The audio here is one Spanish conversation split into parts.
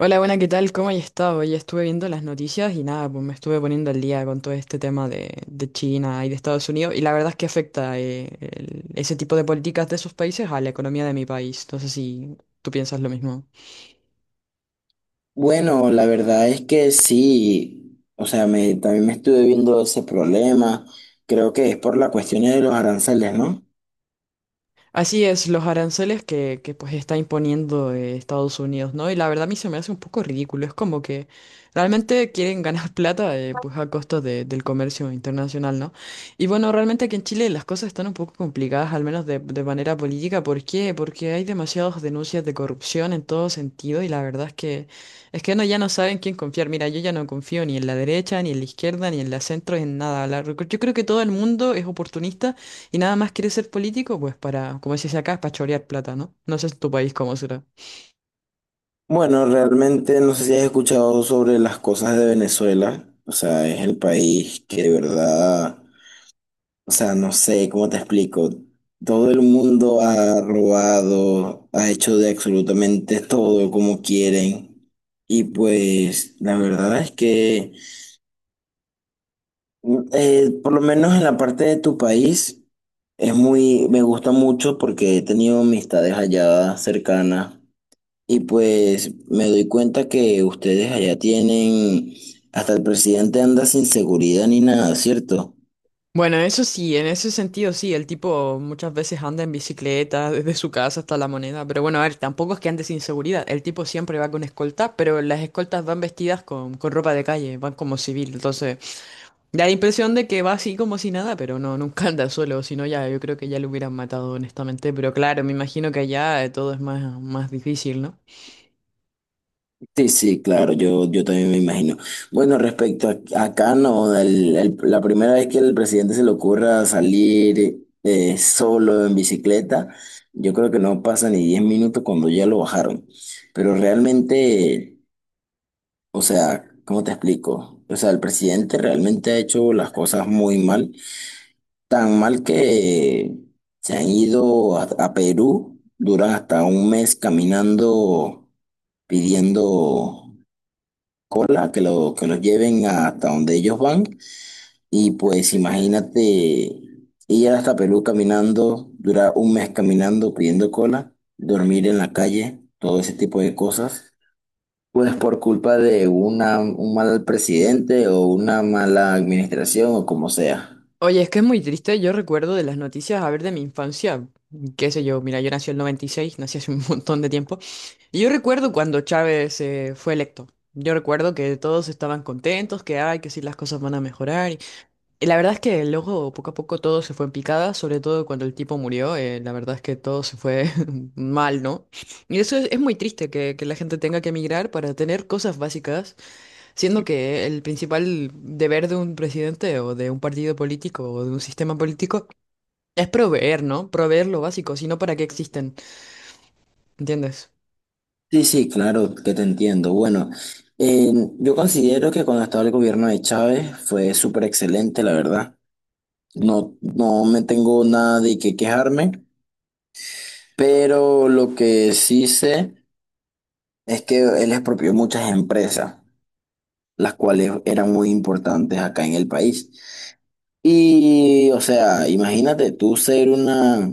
Hola, buena, ¿qué tal? ¿Cómo has estado? Hoy estuve viendo las noticias y nada, pues me estuve poniendo al día con todo este tema de China y de Estados Unidos y la verdad es que afecta ese tipo de políticas de esos países a la economía de mi país. No sé si tú piensas lo mismo. Bueno, la verdad es que sí, o sea, también me estuve viendo ese problema, creo que es por la cuestión de los aranceles, ¿no? Así es, los aranceles pues está imponiendo Estados Unidos, ¿no? Y la verdad a mí se me hace un poco ridículo, es como que realmente quieren ganar plata pues a del comercio internacional, ¿no? Y bueno, realmente aquí en Chile las cosas están un poco complicadas, al menos de manera política. ¿Por qué? Porque hay demasiadas denuncias de corrupción en todo sentido y la verdad es que no, ya no saben quién confiar. Mira, yo ya no confío ni en la derecha, ni en la izquierda, ni en la centro, en nada. Yo creo que todo el mundo es oportunista. Y nada más quieres ser político, pues para, como se dice acá, es para chorear plata, ¿no? No sé en tu país cómo será. Bueno, realmente no sé si has escuchado sobre las cosas de Venezuela, o sea, es el país que de verdad, o sea, no sé cómo te explico, todo el mundo ha robado, ha hecho de absolutamente todo como quieren, y pues la verdad es que... Por lo menos en la parte de tu país es muy, me gusta mucho porque he tenido amistades allá cercanas y pues me doy cuenta que ustedes allá tienen, hasta el presidente anda sin seguridad ni nada, ¿cierto? Bueno, eso sí, en ese sentido sí, el tipo muchas veces anda en bicicleta desde su casa hasta la moneda, pero bueno, a ver, tampoco es que ande sin seguridad, el tipo siempre va con escolta, pero las escoltas van vestidas con ropa de calle, van como civil, entonces da la impresión de que va así como si nada, pero no, nunca anda solo, si no ya yo creo que ya lo hubieran matado honestamente, pero claro, me imagino que allá todo es más difícil, ¿no? Sí, sí, claro, yo también me imagino. Bueno, acá, no, la primera vez que el presidente se le ocurra salir solo en bicicleta, yo creo que no pasa ni 10 minutos cuando ya lo bajaron. Pero realmente, o sea, ¿cómo te explico? O sea, el presidente realmente ha hecho las cosas muy mal, tan mal que se han ido a Perú, duran hasta un mes caminando pidiendo cola, que los lleven hasta donde ellos van. Y pues imagínate ir hasta Perú caminando, durar un mes caminando pidiendo cola, dormir en la calle, todo ese tipo de cosas. Pues por culpa de un mal presidente o una mala administración o como sea. Oye, es que es muy triste. Yo recuerdo de las noticias, a ver, de mi infancia, qué sé yo, mira, yo nací en el 96, nací hace un montón de tiempo. Y yo recuerdo cuando Chávez fue electo. Yo recuerdo que todos estaban contentos, que ay, que sí, las cosas van a mejorar. Y la verdad es que luego, poco a poco, todo se fue en picada, sobre todo cuando el tipo murió. La verdad es que todo se fue mal, ¿no? Y eso es muy triste, que la gente tenga que emigrar para tener cosas básicas. Siendo que el principal deber de un presidente o de un partido político o de un sistema político es proveer, ¿no? Proveer lo básico, si no, ¿para qué existen? ¿Entiendes? Sí, sí, claro, que te entiendo. Bueno, eh, yo considero que cuando estaba el gobierno de Chávez fue súper excelente, la verdad. No, no me tengo nada de qué quejarme. Pero lo que sí sé es que él expropió muchas empresas, las cuales eran muy importantes acá en el país. Y, o sea, imagínate tú ser una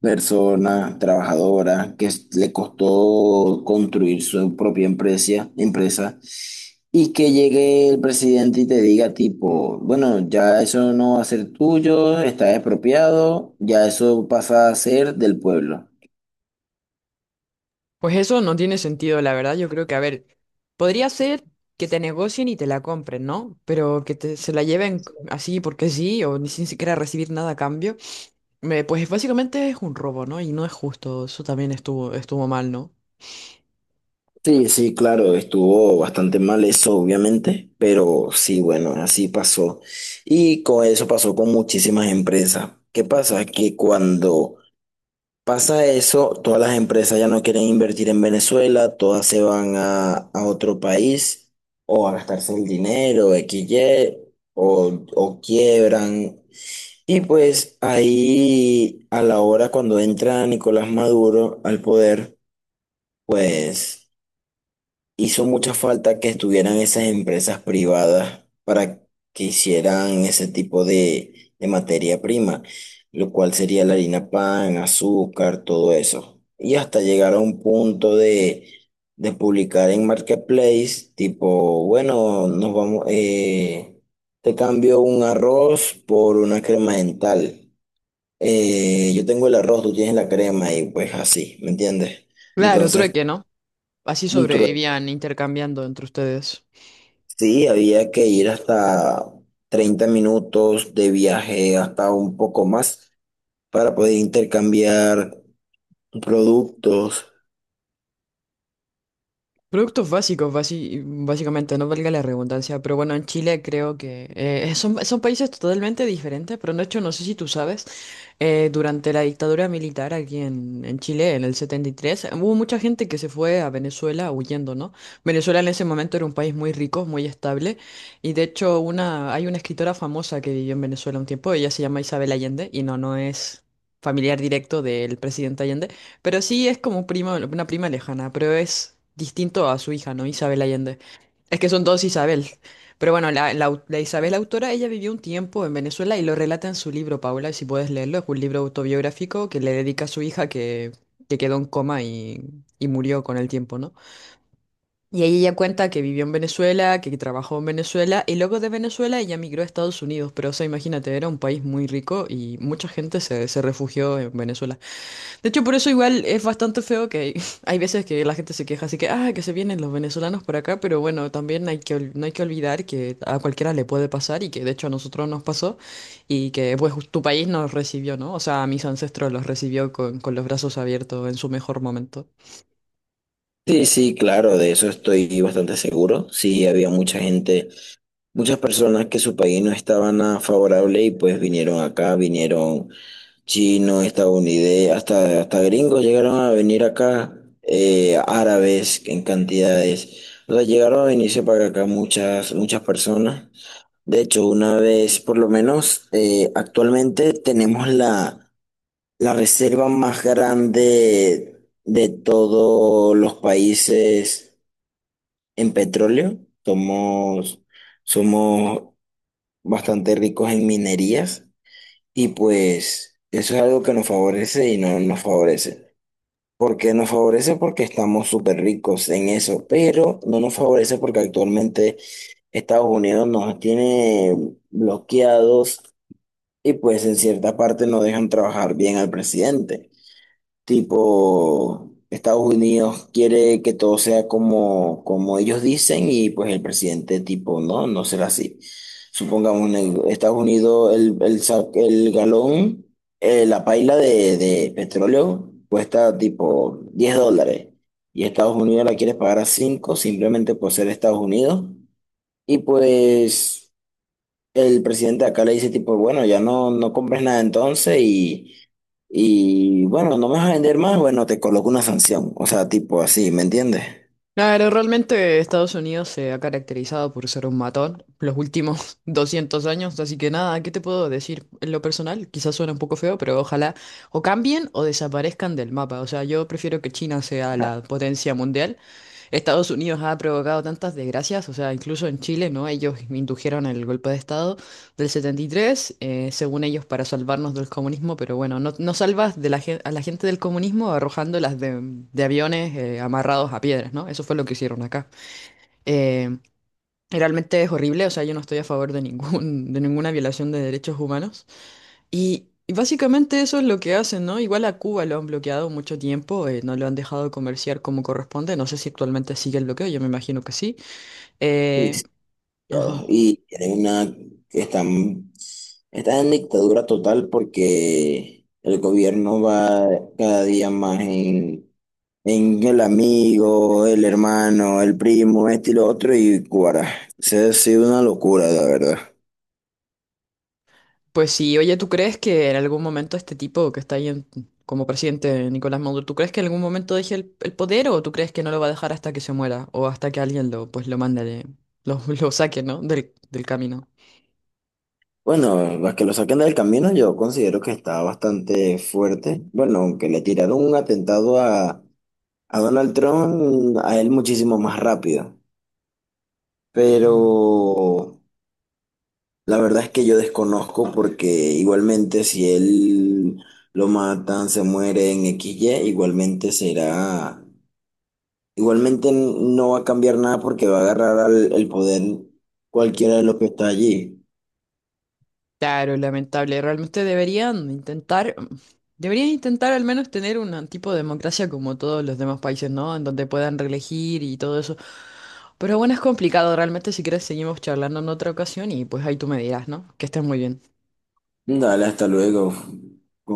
persona trabajadora que le costó construir su propia empresa, empresa y que llegue el presidente y te diga tipo, bueno, ya eso no va a ser tuyo, está expropiado, ya eso pasa a ser del pueblo. Pues eso no tiene sentido, la verdad. Yo creo que, a ver, podría ser que te negocien y te la compren, ¿no? Pero que te, se la lleven así porque sí o ni sin siquiera recibir nada a cambio, pues básicamente es un robo, ¿no? Y no es justo. Eso también estuvo mal, ¿no? Sí, sí, claro, estuvo bastante mal eso, obviamente, pero sí, bueno, así pasó. Y con eso pasó con muchísimas empresas. ¿Qué pasa? Que cuando pasa eso, todas las empresas ya no quieren invertir en Venezuela, todas se van a otro país o a gastarse el dinero, X, Y, o quiebran. Y pues ahí, a la hora cuando entra Nicolás Maduro al poder, pues... Hizo mucha falta que estuvieran esas empresas privadas para que hicieran ese tipo de materia prima, lo cual sería la harina pan, azúcar, todo eso. Y hasta llegar a un punto de publicar en Marketplace, tipo, bueno, nos vamos, te cambio un arroz por una crema dental. Yo tengo el arroz, tú tienes la crema y pues así, ¿me entiendes? Claro, Entonces, trueque, ¿no? Así un trueque. sobrevivían intercambiando entre ustedes. Sí, había que ir hasta 30 minutos de viaje, hasta un poco más, para poder intercambiar productos. Productos básicos, básicamente, no valga la redundancia, pero bueno, en Chile creo que son países totalmente diferentes, pero de hecho no sé si tú sabes, durante la dictadura militar aquí en Chile, en el 73 hubo mucha gente que se fue a Venezuela huyendo, ¿no? Venezuela en ese momento era un país muy rico, muy estable, y de hecho una, hay una escritora famosa que vivió en Venezuela un tiempo, ella se llama Isabel Allende, no es familiar directo del presidente Allende. Pero sí es como prima, una prima lejana, pero es distinto a su hija, ¿no? Isabel Allende. Es que son dos Isabel. Pero bueno, la Isabel autora, ella vivió un tiempo en Venezuela y lo relata en su libro, Paula, si puedes leerlo. Es un libro autobiográfico que le dedica a su hija que quedó en coma y murió con el tiempo, ¿no? Y ahí ella cuenta que vivió en Venezuela, que trabajó en Venezuela y luego de Venezuela ella migró a Estados Unidos. Pero o sea, imagínate, era un país muy rico y mucha gente se refugió en Venezuela. De hecho, por eso igual es bastante feo que hay veces que la gente se queja, así que, ah, que se vienen los venezolanos por acá, pero bueno, también hay no hay que olvidar que a cualquiera le puede pasar y que de hecho a nosotros nos pasó y que pues tu país nos recibió, ¿no? O sea, a mis ancestros los recibió con los brazos abiertos en su mejor momento. Sí, sí, claro, de eso estoy bastante seguro. Sí, había mucha gente, muchas personas que su país no estaba nada favorable y pues vinieron acá, vinieron chinos, estadounidenses, hasta gringos llegaron a venir acá, árabes en cantidades. O sea, llegaron a venirse para acá muchas, muchas personas. De hecho, una vez, por lo menos, actualmente tenemos la reserva más grande de todos los países en petróleo. Somos, somos bastante ricos en minerías y pues eso es algo que nos favorece y no nos favorece. ¿Por qué nos favorece? Porque estamos súper ricos en eso, pero no nos favorece porque actualmente Estados Unidos nos tiene bloqueados. Y pues en cierta parte no dejan trabajar bien al presidente. Tipo, Estados Unidos quiere que todo sea como, como ellos dicen y pues el presidente tipo, no, no será así. Supongamos en Estados Unidos el galón, la paila de petróleo cuesta tipo $10 y Estados Unidos la quiere pagar a 5 simplemente por ser Estados Unidos. Y pues el presidente acá le dice tipo, bueno, ya no, no compres nada entonces y bueno, no me vas a vender más, bueno, te coloco una sanción. O sea, tipo así, ¿me entiendes? Claro, realmente Estados Unidos se ha caracterizado por ser un matón los últimos 200 años, así que nada, ¿qué te puedo decir? En lo personal, quizás suena un poco feo, pero ojalá o cambien o desaparezcan del mapa. O sea, yo prefiero que China sea la potencia mundial. Estados Unidos ha provocado tantas desgracias, o sea, incluso en Chile, ¿no? Ellos indujeron el golpe de Estado del 73, según ellos, para salvarnos del comunismo, pero bueno, no, no salvas a la gente del comunismo arrojándolas de aviones amarrados a piedras, ¿no? Eso fue lo que hicieron acá. Eh, Realmente es horrible, o sea, yo no estoy a favor de ninguna violación de derechos humanos. Y básicamente eso es lo que hacen, ¿no? Igual a Cuba lo han bloqueado mucho tiempo, no lo han dejado comerciar como corresponde. No sé si actualmente sigue el bloqueo, yo me imagino que sí. Sí, Eh, sí. Ya, ajá. y tienen que están en dictadura total porque el gobierno va cada día más en el amigo, el hermano, el primo, este y lo otro, y Cuara. Se ha sido una locura, la verdad. Pues sí, oye, ¿tú crees que en algún momento este tipo que está como presidente Nicolás Maduro, ¿tú crees que en algún momento deje el poder o tú crees que no lo va a dejar hasta que se muera o hasta que alguien lo, pues, lo mande, de- lo, lo saque, ¿no? Del camino. Bueno, a que lo saquen del camino yo considero que está bastante fuerte. Bueno, aunque le tiraron un atentado a Donald Trump, a él muchísimo más rápido. Pero la verdad es que yo desconozco porque igualmente si él lo matan, se muere en XY, igualmente será, igualmente no va a cambiar nada porque va a agarrar el poder cualquiera de los que está allí. Claro, lamentable. Realmente deberían intentar al menos tener un tipo de democracia como todos los demás países, ¿no? En donde puedan reelegir y todo eso. Pero bueno, es complicado. Realmente, si quieres, seguimos charlando en otra ocasión y pues ahí tú me dirás, ¿no? Que estés muy bien. Dale, hasta luego.